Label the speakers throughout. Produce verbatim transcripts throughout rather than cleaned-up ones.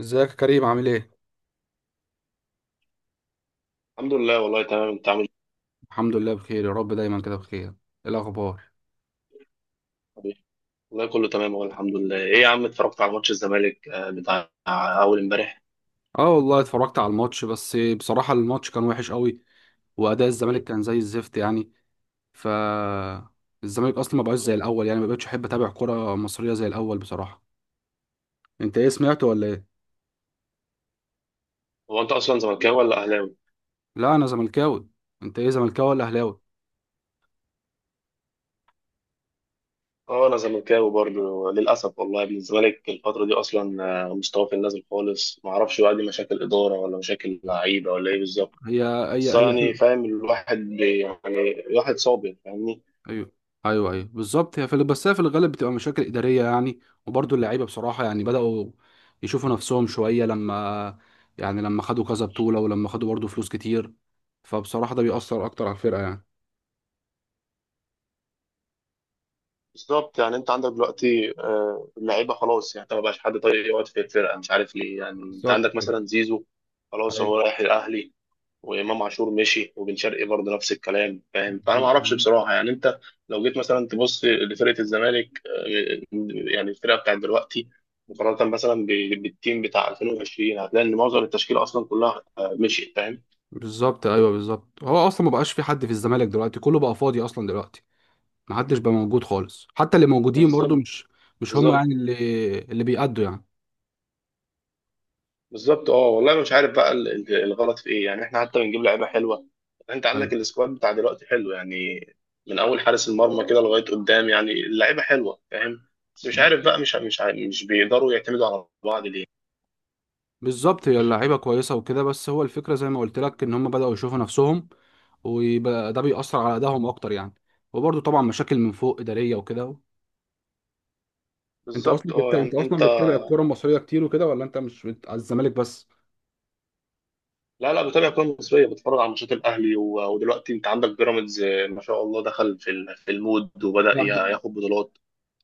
Speaker 1: ازيك يا كريم؟ عامل ايه؟
Speaker 2: الحمد لله، والله تمام. انت عامل
Speaker 1: الحمد لله، بخير يا رب. دايما كده بخير. ايه الاخبار؟
Speaker 2: ايه؟ والله كله تمام، والله الحمد لله. ايه يا عم، اتفرجت على ماتش الزمالك آه، بتاع اول امبارح.
Speaker 1: اه والله اتفرجت على الماتش، بس بصراحة الماتش كان وحش قوي واداء الزمالك كان زي الزفت يعني. ف الزمالك اصلا ما بقاش زي الاول، يعني ما بقتش احب اتابع كرة مصرية زي الاول بصراحة. انت ايه، سمعت ولا ايه؟
Speaker 2: هو انت اصلا زملكاوي ولا اهلاوي؟
Speaker 1: لا انا زملكاوي. انت ايه، زملكاوي ولا اهلاوي؟
Speaker 2: اه انا زملكاوي برضه للاسف، والله يا ابن الزمالك الفتره دي اصلا آه، مستواه في النازل خالص. ما اعرفش بقى دي مشاكل اداره ولا مشاكل لعيبه ولا ايه بالظبط.
Speaker 1: هي هي
Speaker 2: بس
Speaker 1: هي
Speaker 2: يعني فاهم، الواحد بي- يعني الواحد صابر، فاهمني؟
Speaker 1: ايوه، ايوه، ايوه، بالظبط. هي في ال- بس هي في الغالب بتبقى مشاكل اداريه يعني. وبرضه اللعيبه بصراحه يعني بداوا يشوفوا نفسهم شويه لما، يعني لما خدوا كذا بطوله ولما خدوا برضه فلوس كتير، فبصراحه ده بيأثر اكتر على الفرقه يعني.
Speaker 2: بالظبط. يعني انت عندك دلوقتي آه، اللعيبه خلاص، يعني انت ما بقاش حد طايق يقعد في الفرقه، مش عارف ليه. يعني انت
Speaker 1: بالظبط
Speaker 2: عندك
Speaker 1: كده،
Speaker 2: مثلا زيزو، خلاص
Speaker 1: ايوه
Speaker 2: هو رايح الاهلي، وامام عاشور مشي، وبن شرقي برضه نفس الكلام، فاهم؟ فانا ما
Speaker 1: بالظبط.
Speaker 2: اعرفش بصراحه. يعني انت لو جيت مثلا تبص لفرقه الزمالك آه، يعني الفرقه بتاعت دلوقتي مقارنه مثلا ب- بالتيم بتاع ألفين وعشرين، هتلاقي ان معظم التشكيله اصلا كلها آه، مشيت، فاهم؟
Speaker 1: بالظبط، ايوه بالظبط، هو اصلا ما بقاش في حد في الزمالك دلوقتي، كله بقى فاضي اصلا دلوقتي. ما حدش بقى موجود خالص، حتى اللي موجودين برضه
Speaker 2: بالظبط،
Speaker 1: مش، مش هم
Speaker 2: بالظبط،
Speaker 1: يعني اللي اللي بيأدوا يعني.
Speaker 2: بالظبط. اه والله أنا مش عارف بقى ال- ال- الغلط في ايه، يعني احنا حتى بنجيب لعيبه حلوه. انت عندك
Speaker 1: ايوه
Speaker 2: السكواد بتاع دلوقتي حلو، يعني من اول حارس المرمى كده لغايه قدام، يعني اللعيبه حلوه، فاهم؟ بس مش عارف بقى، مش مش عارف، مش بيقدروا يعتمدوا على بعض ليه.
Speaker 1: بالظبط، هي اللعيبه كويسه وكده، بس هو الفكره زي ما قلت لك ان هم بداوا يشوفوا نفسهم، ويبقى ده بيأثر على ادائهم اكتر يعني. وبرده طبعا مشاكل من فوق اداريه وكده. انت اصلا
Speaker 2: بالظبط. اه
Speaker 1: بت... انت
Speaker 2: يعني
Speaker 1: اصلا
Speaker 2: انت،
Speaker 1: بتتابع الكوره المصريه كتير وكده، ولا انت مش بت... على الزمالك بس؟
Speaker 2: لا لا، بتابع كوره مصريه، بتتفرج على ماتشات الاهلي و... ودلوقتي انت عندك بيراميدز آه، ما شاء الله دخل في ال- في المود، وبدا
Speaker 1: لا ب...
Speaker 2: يا- ياخد بطولات.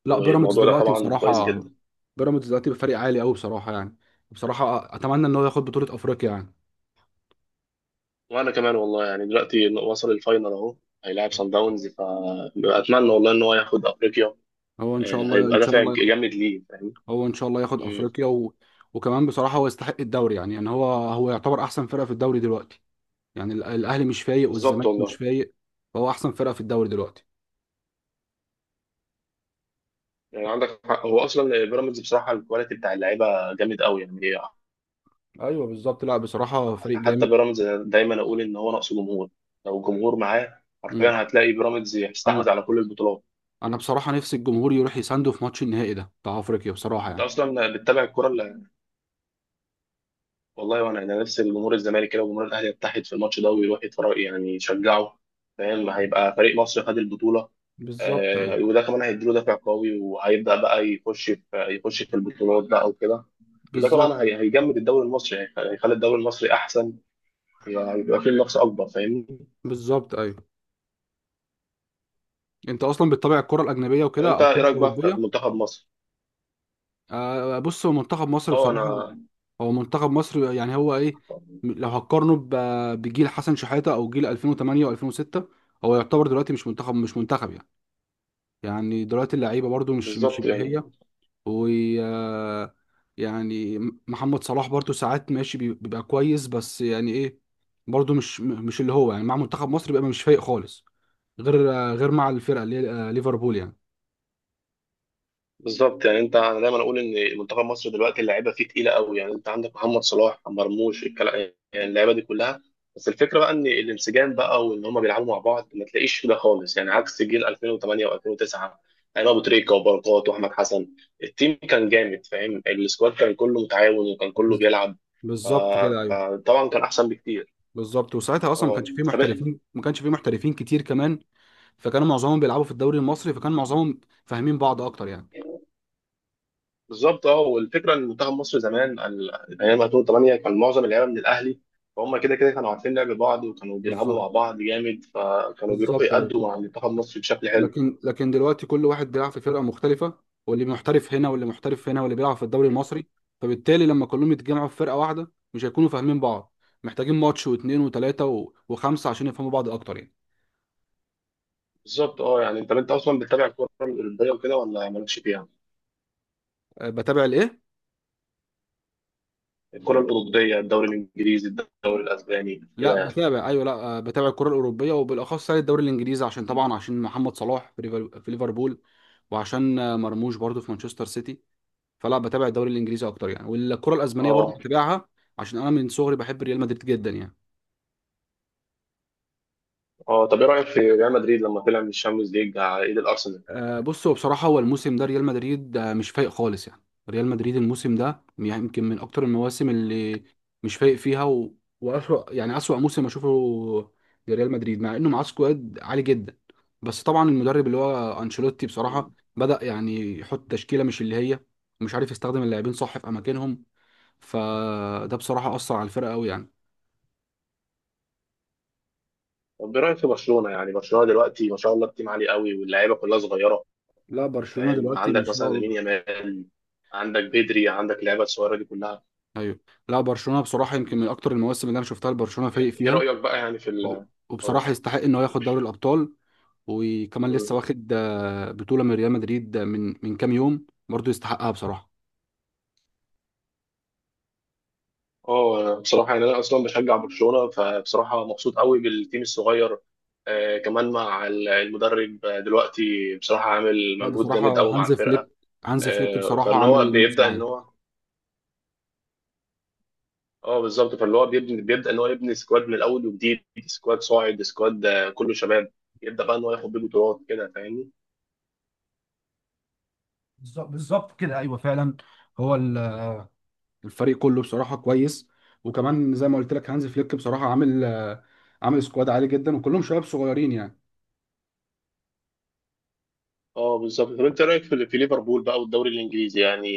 Speaker 1: لا، بيراميدز
Speaker 2: والموضوع ده
Speaker 1: دلوقتي
Speaker 2: طبعا كويس
Speaker 1: بصراحه،
Speaker 2: جدا.
Speaker 1: بيراميدز دلوقتي بفريق عالي قوي بصراحه يعني. بصراحه اتمنى ان هو ياخد بطوله افريقيا يعني.
Speaker 2: وانا كمان والله، يعني دلوقتي وصل الفاينل اهو، هيلاعب سان داونز، فاتمنى والله ان هو ياخد افريقيا.
Speaker 1: هو ان شاء
Speaker 2: آه،
Speaker 1: الله
Speaker 2: هيبقى
Speaker 1: ان شاء
Speaker 2: دافع
Speaker 1: الله ياخد...
Speaker 2: جامد ليه، فاهم؟
Speaker 1: هو ان شاء الله ياخد
Speaker 2: مم.
Speaker 1: افريقيا، و... وكمان بصراحه هو يستحق الدوري يعني. يعني هو هو يعتبر احسن فرقه في الدوري دلوقتي. يعني ال- الاهلي مش فايق
Speaker 2: بالظبط
Speaker 1: والزمالك مش
Speaker 2: والله.
Speaker 1: فايق، فهو احسن فرقه في الدوري دلوقتي.
Speaker 2: يعني عندك حق، هو اصلا بيراميدز بصراحه الكواليتي بتاع اللعيبه جامد قوي يعني.
Speaker 1: ايوه بالظبط، لا بصراحه فريق
Speaker 2: حتى
Speaker 1: جامد.
Speaker 2: بيراميدز دايما اقول ان هو ناقصه جمهور، لو الجمهور معاه
Speaker 1: مم.
Speaker 2: حرفيا هتلاقي بيراميدز يستحوذ
Speaker 1: انا
Speaker 2: على كل البطولات.
Speaker 1: انا بصراحه نفسي الجمهور يروح يسانده في ماتش النهائي ده بتاع افريقيا بصراحه
Speaker 2: انت
Speaker 1: يعني.
Speaker 2: اصلا بتتابع الكوره ولا؟ والله وانا، انا نفسي جمهور الزمالك كده وجمهور الاهلي يتحد في الماتش ده ويروح يتفرج، يعني يشجعه، فاهم؟ هيبقى فريق مصر خد البطوله.
Speaker 1: بالظبط
Speaker 2: آه
Speaker 1: ايوه،
Speaker 2: وده كمان هيديله دافع قوي، وهيبدا بقى يخش في يخش في البطولات بقى وكده. وده
Speaker 1: بالظبط،
Speaker 2: طبعا هي- هيجمد الدوري المصري، هيخ- هيخلي الدوري المصري احسن، هيبقى فيه منافسه اكبر، فاهمني؟
Speaker 1: بالظبط ايوه. انت اصلا بتتابع الكره الاجنبيه
Speaker 2: طب
Speaker 1: وكده،
Speaker 2: انت
Speaker 1: او الكره
Speaker 2: ايه رايك بقى في في
Speaker 1: الاوروبيه؟
Speaker 2: منتخب مصر؟
Speaker 1: آه بص، هو منتخب مصر
Speaker 2: اه
Speaker 1: بصراحه،
Speaker 2: انا
Speaker 1: هو منتخب مصر يعني هو ايه، لو هتقارنه ب- بجيل حسن شحاته او جيل ألفين وتمانية و2006، هو يعتبر دلوقتي مش منتخب، مش منتخب يعني. يعني دلوقتي اللعيبه برضو مش مش
Speaker 2: بالظبط
Speaker 1: اللي
Speaker 2: يعني.
Speaker 1: هي، و يعني محمد صلاح برضو ساعات ماشي بي- بيبقى كويس بس يعني ايه، برضو مش م- مش اللي هو يعني. مع منتخب مصر بيبقى مش فايق خالص، غير غير مع الفرقه اللي هي آه، ليفربول يعني.
Speaker 2: بالظبط يعني انت، انا دايما اقول ان منتخب مصر دلوقتي اللعيبه فيه تقيله قوي، يعني انت عندك محمد صلاح، مرموش، الكلام. يعني اللعيبه دي كلها، بس الفكره بقى ان الانسجام بقى وان هم بيلعبوا مع بعض ما تلاقيش ده خالص، يعني عكس جيل ألفين وتمنية و2009، ايام ابو تريكه وبركات واحمد حسن. التيم كان جامد، فاهم؟ السكواد كان كله متعاون وكان كله
Speaker 1: بز-
Speaker 2: بيلعب. ف-
Speaker 1: بالظبط كده، ايوه
Speaker 2: فطبعا كان احسن بكتير.
Speaker 1: بالظبط. وساعتها اصلا ما
Speaker 2: اه
Speaker 1: كانش فيه
Speaker 2: طب إيه؟
Speaker 1: محترفين، ما كانش فيه محترفين كتير كمان، فكانوا معظمهم بيلعبوا في الدوري المصري، فكان معظمهم فاهمين بعض اكتر يعني.
Speaker 2: بالظبط. اه والفكره ان منتخب مصر زمان ال- ايام ألفين وتمنية كان معظم اللعيبه من الاهلي، فهم كده كده كانوا عارفين لعب بعض، وكانوا بيلعبوا
Speaker 1: بالظبط،
Speaker 2: مع بعض جامد، فكانوا بيروحوا
Speaker 1: بالظبط.
Speaker 2: يأدوا مع منتخب مصر بشكل حلو.
Speaker 1: لكن لكن دلوقتي كل واحد بيلعب في فرقه مختلفه، واللي محترف هنا واللي محترف هنا واللي بيلعب في الدوري المصري، فبالتالي لما كلهم يتجمعوا في فرقه واحده مش هيكونوا فاهمين بعض. محتاجين ماتش واثنين وثلاثه و- وخمسه عشان يفهموا بعض اكتر يعني.
Speaker 2: بالظبط. اه يعني انت انت اصلا بتتابع الكره الاوروبيه وكده ولا مالكش فيها؟
Speaker 1: أه، بتابع الايه؟
Speaker 2: الكره الاوروبيه، الدوري الانجليزي، الدوري الاسباني، كده
Speaker 1: لا
Speaker 2: يعني.
Speaker 1: بتابع، ايوه، لا. أه، بتابع الكره الاوروبيه وبالاخص يعني الدوري الانجليزي، عشان طبعا عشان محمد صلاح في ليفر- في ليفربول، وعشان آه، مرموش برضو في مانشستر سيتي. فلا، بتابع الدوري الانجليزي اكتر يعني، والكره الاسبانيه برضو
Speaker 2: اه.
Speaker 1: بتابعها، عشان انا من صغري بحب ريال مدريد جدا يعني.
Speaker 2: اه طب ايه رايك في ريال مدريد لما طلع من الشامبيونز ليج على ايد الارسنال؟
Speaker 1: آه، بص هو بصراحة، هو الموسم ده ريال مدريد آه، مش فايق خالص يعني. ريال مدريد الموسم ده يعني يمكن من أكتر المواسم اللي مش فايق فيها، و... وأسوأ يعني، أسوأ موسم أشوفه لريال مدريد، مع إنه معاه سكواد عالي جدا. بس طبعا المدرب اللي هو أنشيلوتي بصراحة
Speaker 2: مم.
Speaker 1: بدأ يعني يحط تشكيلة مش اللي هي، مش عارف يستخدم اللاعبين صح في أماكنهم، فده بصراحة أثر على الفرقة أوي يعني.
Speaker 2: طب ايه رايك في برشلونه؟ يعني برشلونه دلوقتي ما شاء الله التيم عالي قوي، واللعيبه كلها صغيره،
Speaker 1: لا برشلونة
Speaker 2: فاهم؟
Speaker 1: دلوقتي ما
Speaker 2: عندك مثلا
Speaker 1: شاء الله،
Speaker 2: لامين يامال، عندك بدري، عندك لعيبه الصغيره دي كلها.
Speaker 1: ايوه. لا برشلونه بصراحه يمكن من اكتر المواسم اللي انا شفتها لبرشلونه فايق
Speaker 2: ايه
Speaker 1: فيها،
Speaker 2: رايك بقى يعني في
Speaker 1: و-
Speaker 2: ال اه.
Speaker 1: وبصراحة يستحق إن هو ياخد دوري الأبطال. وكمان لسه
Speaker 2: مم.
Speaker 1: واخد آه، بطولة من ريال مدريد، آه، من من كام يوم برضه، يستحقها بصراحة.
Speaker 2: اه أنا بصراحه يعني، انا اصلا بشجع برشلونه، فبصراحه مبسوط قوي بالتيم الصغير. آه كمان مع ال- المدرب آه، دلوقتي بصراحه عامل
Speaker 1: لا
Speaker 2: مجهود
Speaker 1: بصراحة
Speaker 2: جامد قوي مع
Speaker 1: هانز فليك،
Speaker 2: الفرقه.
Speaker 1: هانز فليك
Speaker 2: آه
Speaker 1: بصراحة
Speaker 2: فان هو
Speaker 1: عامل موسم
Speaker 2: بيبدا ان
Speaker 1: عالي.
Speaker 2: هو، اه بالظبط، فاللي هو بيبني بيبدا ان هو يبني سكواد من الاول وجديد، سكواد صاعد، سكواد آه، كله شباب، يبدا بقى ان هو ياخد بيه بطولات كده، فاهمني؟
Speaker 1: بالظبط، بالظبط كده، ايوه فعلا. هو ال... الفريق كله بصراحة كويس. وكمان زي ما قلت لك، هانز فليك بصراحة عامل آه، عامل سكواد عالي جدا، وكلهم شباب صغيرين يعني.
Speaker 2: اه بالظبط. طب انت رايك في في ليفربول بقى والدوري الانجليزي، يعني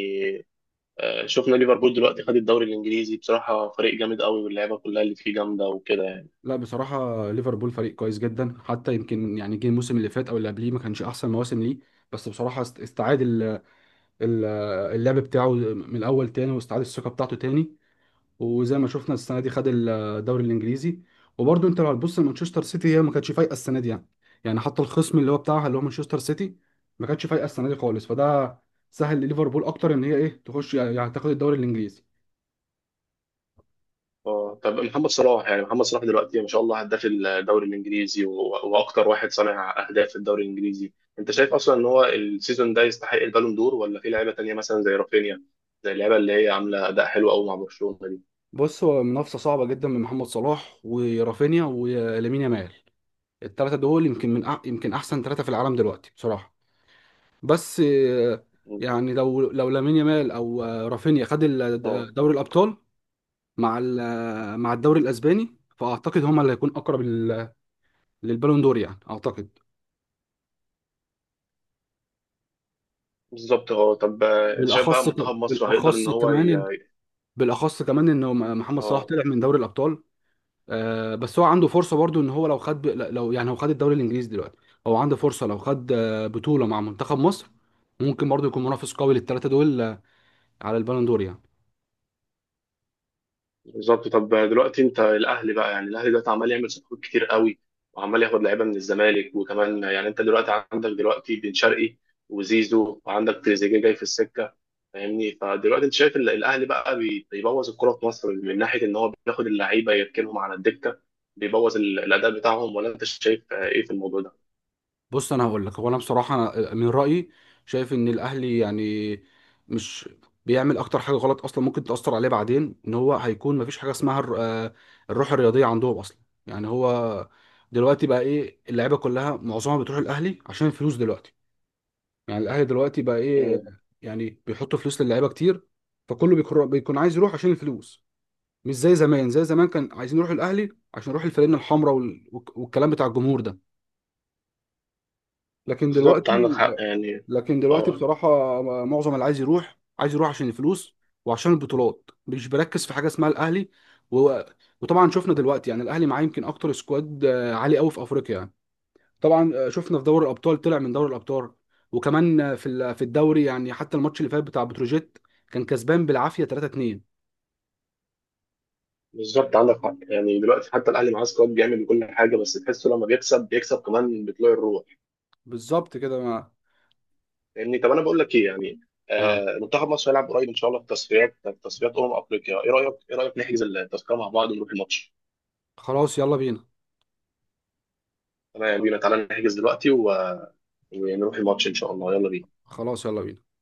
Speaker 2: آه، شفنا ليفربول دلوقتي خد الدوري الانجليزي، بصراحه فريق جامد قوي واللعيبه كلها اللي فيه جامده وكده يعني.
Speaker 1: لا بصراحة ليفربول فريق كويس جدا، حتى يمكن يعني جه الموسم اللي فات أو اللي قبليه ما كانش أحسن مواسم ليه، بس بصراحة است- استعاد ال- اللعب بتاعه من الاول تاني، واستعاد الثقه بتاعته تاني، وزي ما شفنا السنه دي خد الدوري الانجليزي. وبرده انت لو هتبص لمانشستر سيتي هي ما كانتش فايقه السنه دي يعني، يعني حتى الخصم اللي هو بتاعها، اللي هو مانشستر سيتي، ما كانتش فايقه السنه دي خالص، فده سهل لليفربول اكتر ان هي ايه تخش يعني، تاخد الدوري الانجليزي.
Speaker 2: اه طب محمد صلاح، يعني محمد صلاح دلوقتي ما شاء الله هداف الدوري الانجليزي و- واكتر واحد صانع اهداف في الدوري الانجليزي، انت شايف اصلا ان هو السيزون ده يستحق البالون دور، ولا في لعيبه تانيه مثلا زي رافينيا، زي اللعيبه اللي هي عامله اداء حلو قوي مع برشلونه دي؟
Speaker 1: بص هو منافسه صعبه جدا من محمد صلاح ورافينيا ولامين يامال، الثلاثه دول يمكن من أح يمكن احسن ثلاثه في العالم دلوقتي بصراحه. بس آه، يعني لو لو لامين يامال او آه، رافينيا خد
Speaker 2: اه
Speaker 1: ال- دوري الابطال، مع ال- آه، مع الدوري الاسباني، فاعتقد هما اللي هيكون اقرب لل- للبالون دور يعني، اعتقد.
Speaker 2: بالظبط. اه طب آه، انت شايف بقى
Speaker 1: بالاخص
Speaker 2: منتخب
Speaker 1: ك-
Speaker 2: مصر هيقدر ان
Speaker 1: بالاخص
Speaker 2: هو ي...
Speaker 1: كمان إن- بالاخص كمان انه م- محمد صلاح
Speaker 2: اه
Speaker 1: طلع من دوري الابطال. آه، بس هو عنده فرصه برضو ان هو لو خد ب- لو يعني هو خد الدوري الانجليزي دلوقتي، هو عنده فرصه لو خد آه، بطوله مع منتخب مصر، ممكن برضو يكون منافس قوي للثلاثه دول آه، على البالون دور يعني.
Speaker 2: بالظبط. طب دلوقتي انت الاهلي بقى، يعني الاهلي دلوقتي عمال يعمل صفقات كتير قوي وعمال ياخد لعيبه من الزمالك، وكمان يعني انت دلوقتي عندك دلوقتي بن شرقي وزيزو وعندك تريزيجيه جاي في السكه، فاهمني؟ فدلوقتي انت شايف ال- الاهلي بقى بي- بيبوظ الكره في مصر من ناحيه ان هو بياخد اللعيبه يركنهم على الدكه، بيبوظ ال- الاداء بتاعهم، ولا انت شايف آه، ايه في الموضوع ده؟
Speaker 1: بص انا هقول لك، هو انا بصراحه، أنا من رايي شايف ان الاهلي يعني مش بيعمل اكتر حاجه غلط اصلا، ممكن تاثر عليه بعدين، ان هو هيكون مفيش حاجه اسمها الر- آه، الروح الرياضيه عندهم اصلا. يعني هو دلوقتي بقى ايه، اللعيبه كلها معظمها بتروح الاهلي عشان الفلوس دلوقتي. يعني الاهلي دلوقتي بقى ايه،
Speaker 2: مم.
Speaker 1: يعني بيحط فلوس للعيبه كتير، فكله بيكون بيكون عايز يروح عشان الفلوس. مش زي زمان، زي زمان كان عايزين يروحوا الاهلي عشان يروحوا الفانلة الحمراء وال- والكلام بتاع الجمهور ده، لكن
Speaker 2: بالظبط عندك
Speaker 1: دلوقتي،
Speaker 2: حق يعني.
Speaker 1: لكن دلوقتي
Speaker 2: اه
Speaker 1: بصراحة معظم اللي عايز يروح، عايز يروح عشان الفلوس وعشان البطولات، مش بركز في حاجة اسمها الأهلي، و... وطبعا شفنا دلوقتي يعني الأهلي معاه يمكن أكتر سكواد آه، عالي قوي في أفريقيا يعني. طبعا آه، شفنا في دوري الأبطال طلع من دوري الأبطال، وكمان آه، في ال- في الدوري يعني، حتى الماتش اللي فات بتاع بتروجيت كان كسبان بالعافية تلاتة اتنين.
Speaker 2: بالظبط عندك حق، يعني دلوقتي حتى الاهلي معاه سكواد جامد وكل حاجه، بس تحسه لما بيكسب بيكسب كمان بطلوع الروح،
Speaker 1: بالظبط كده. ما...
Speaker 2: فاهمني؟ طب انا بقول لك ايه يعني،
Speaker 1: نعم،
Speaker 2: آه منتخب مصر هيلعب قريب ان شاء الله في تصفيات، في تصفيات امم افريقيا، ايه رايك، ايه رايك نحجز التذكره مع بعض ونروح الماتش؟
Speaker 1: خلاص يلا بينا.
Speaker 2: تمام يلا بينا، تعالى نحجز دلوقتي و... ونروح الماتش ان شاء الله، يلا بينا.
Speaker 1: خلاص يلا بينا.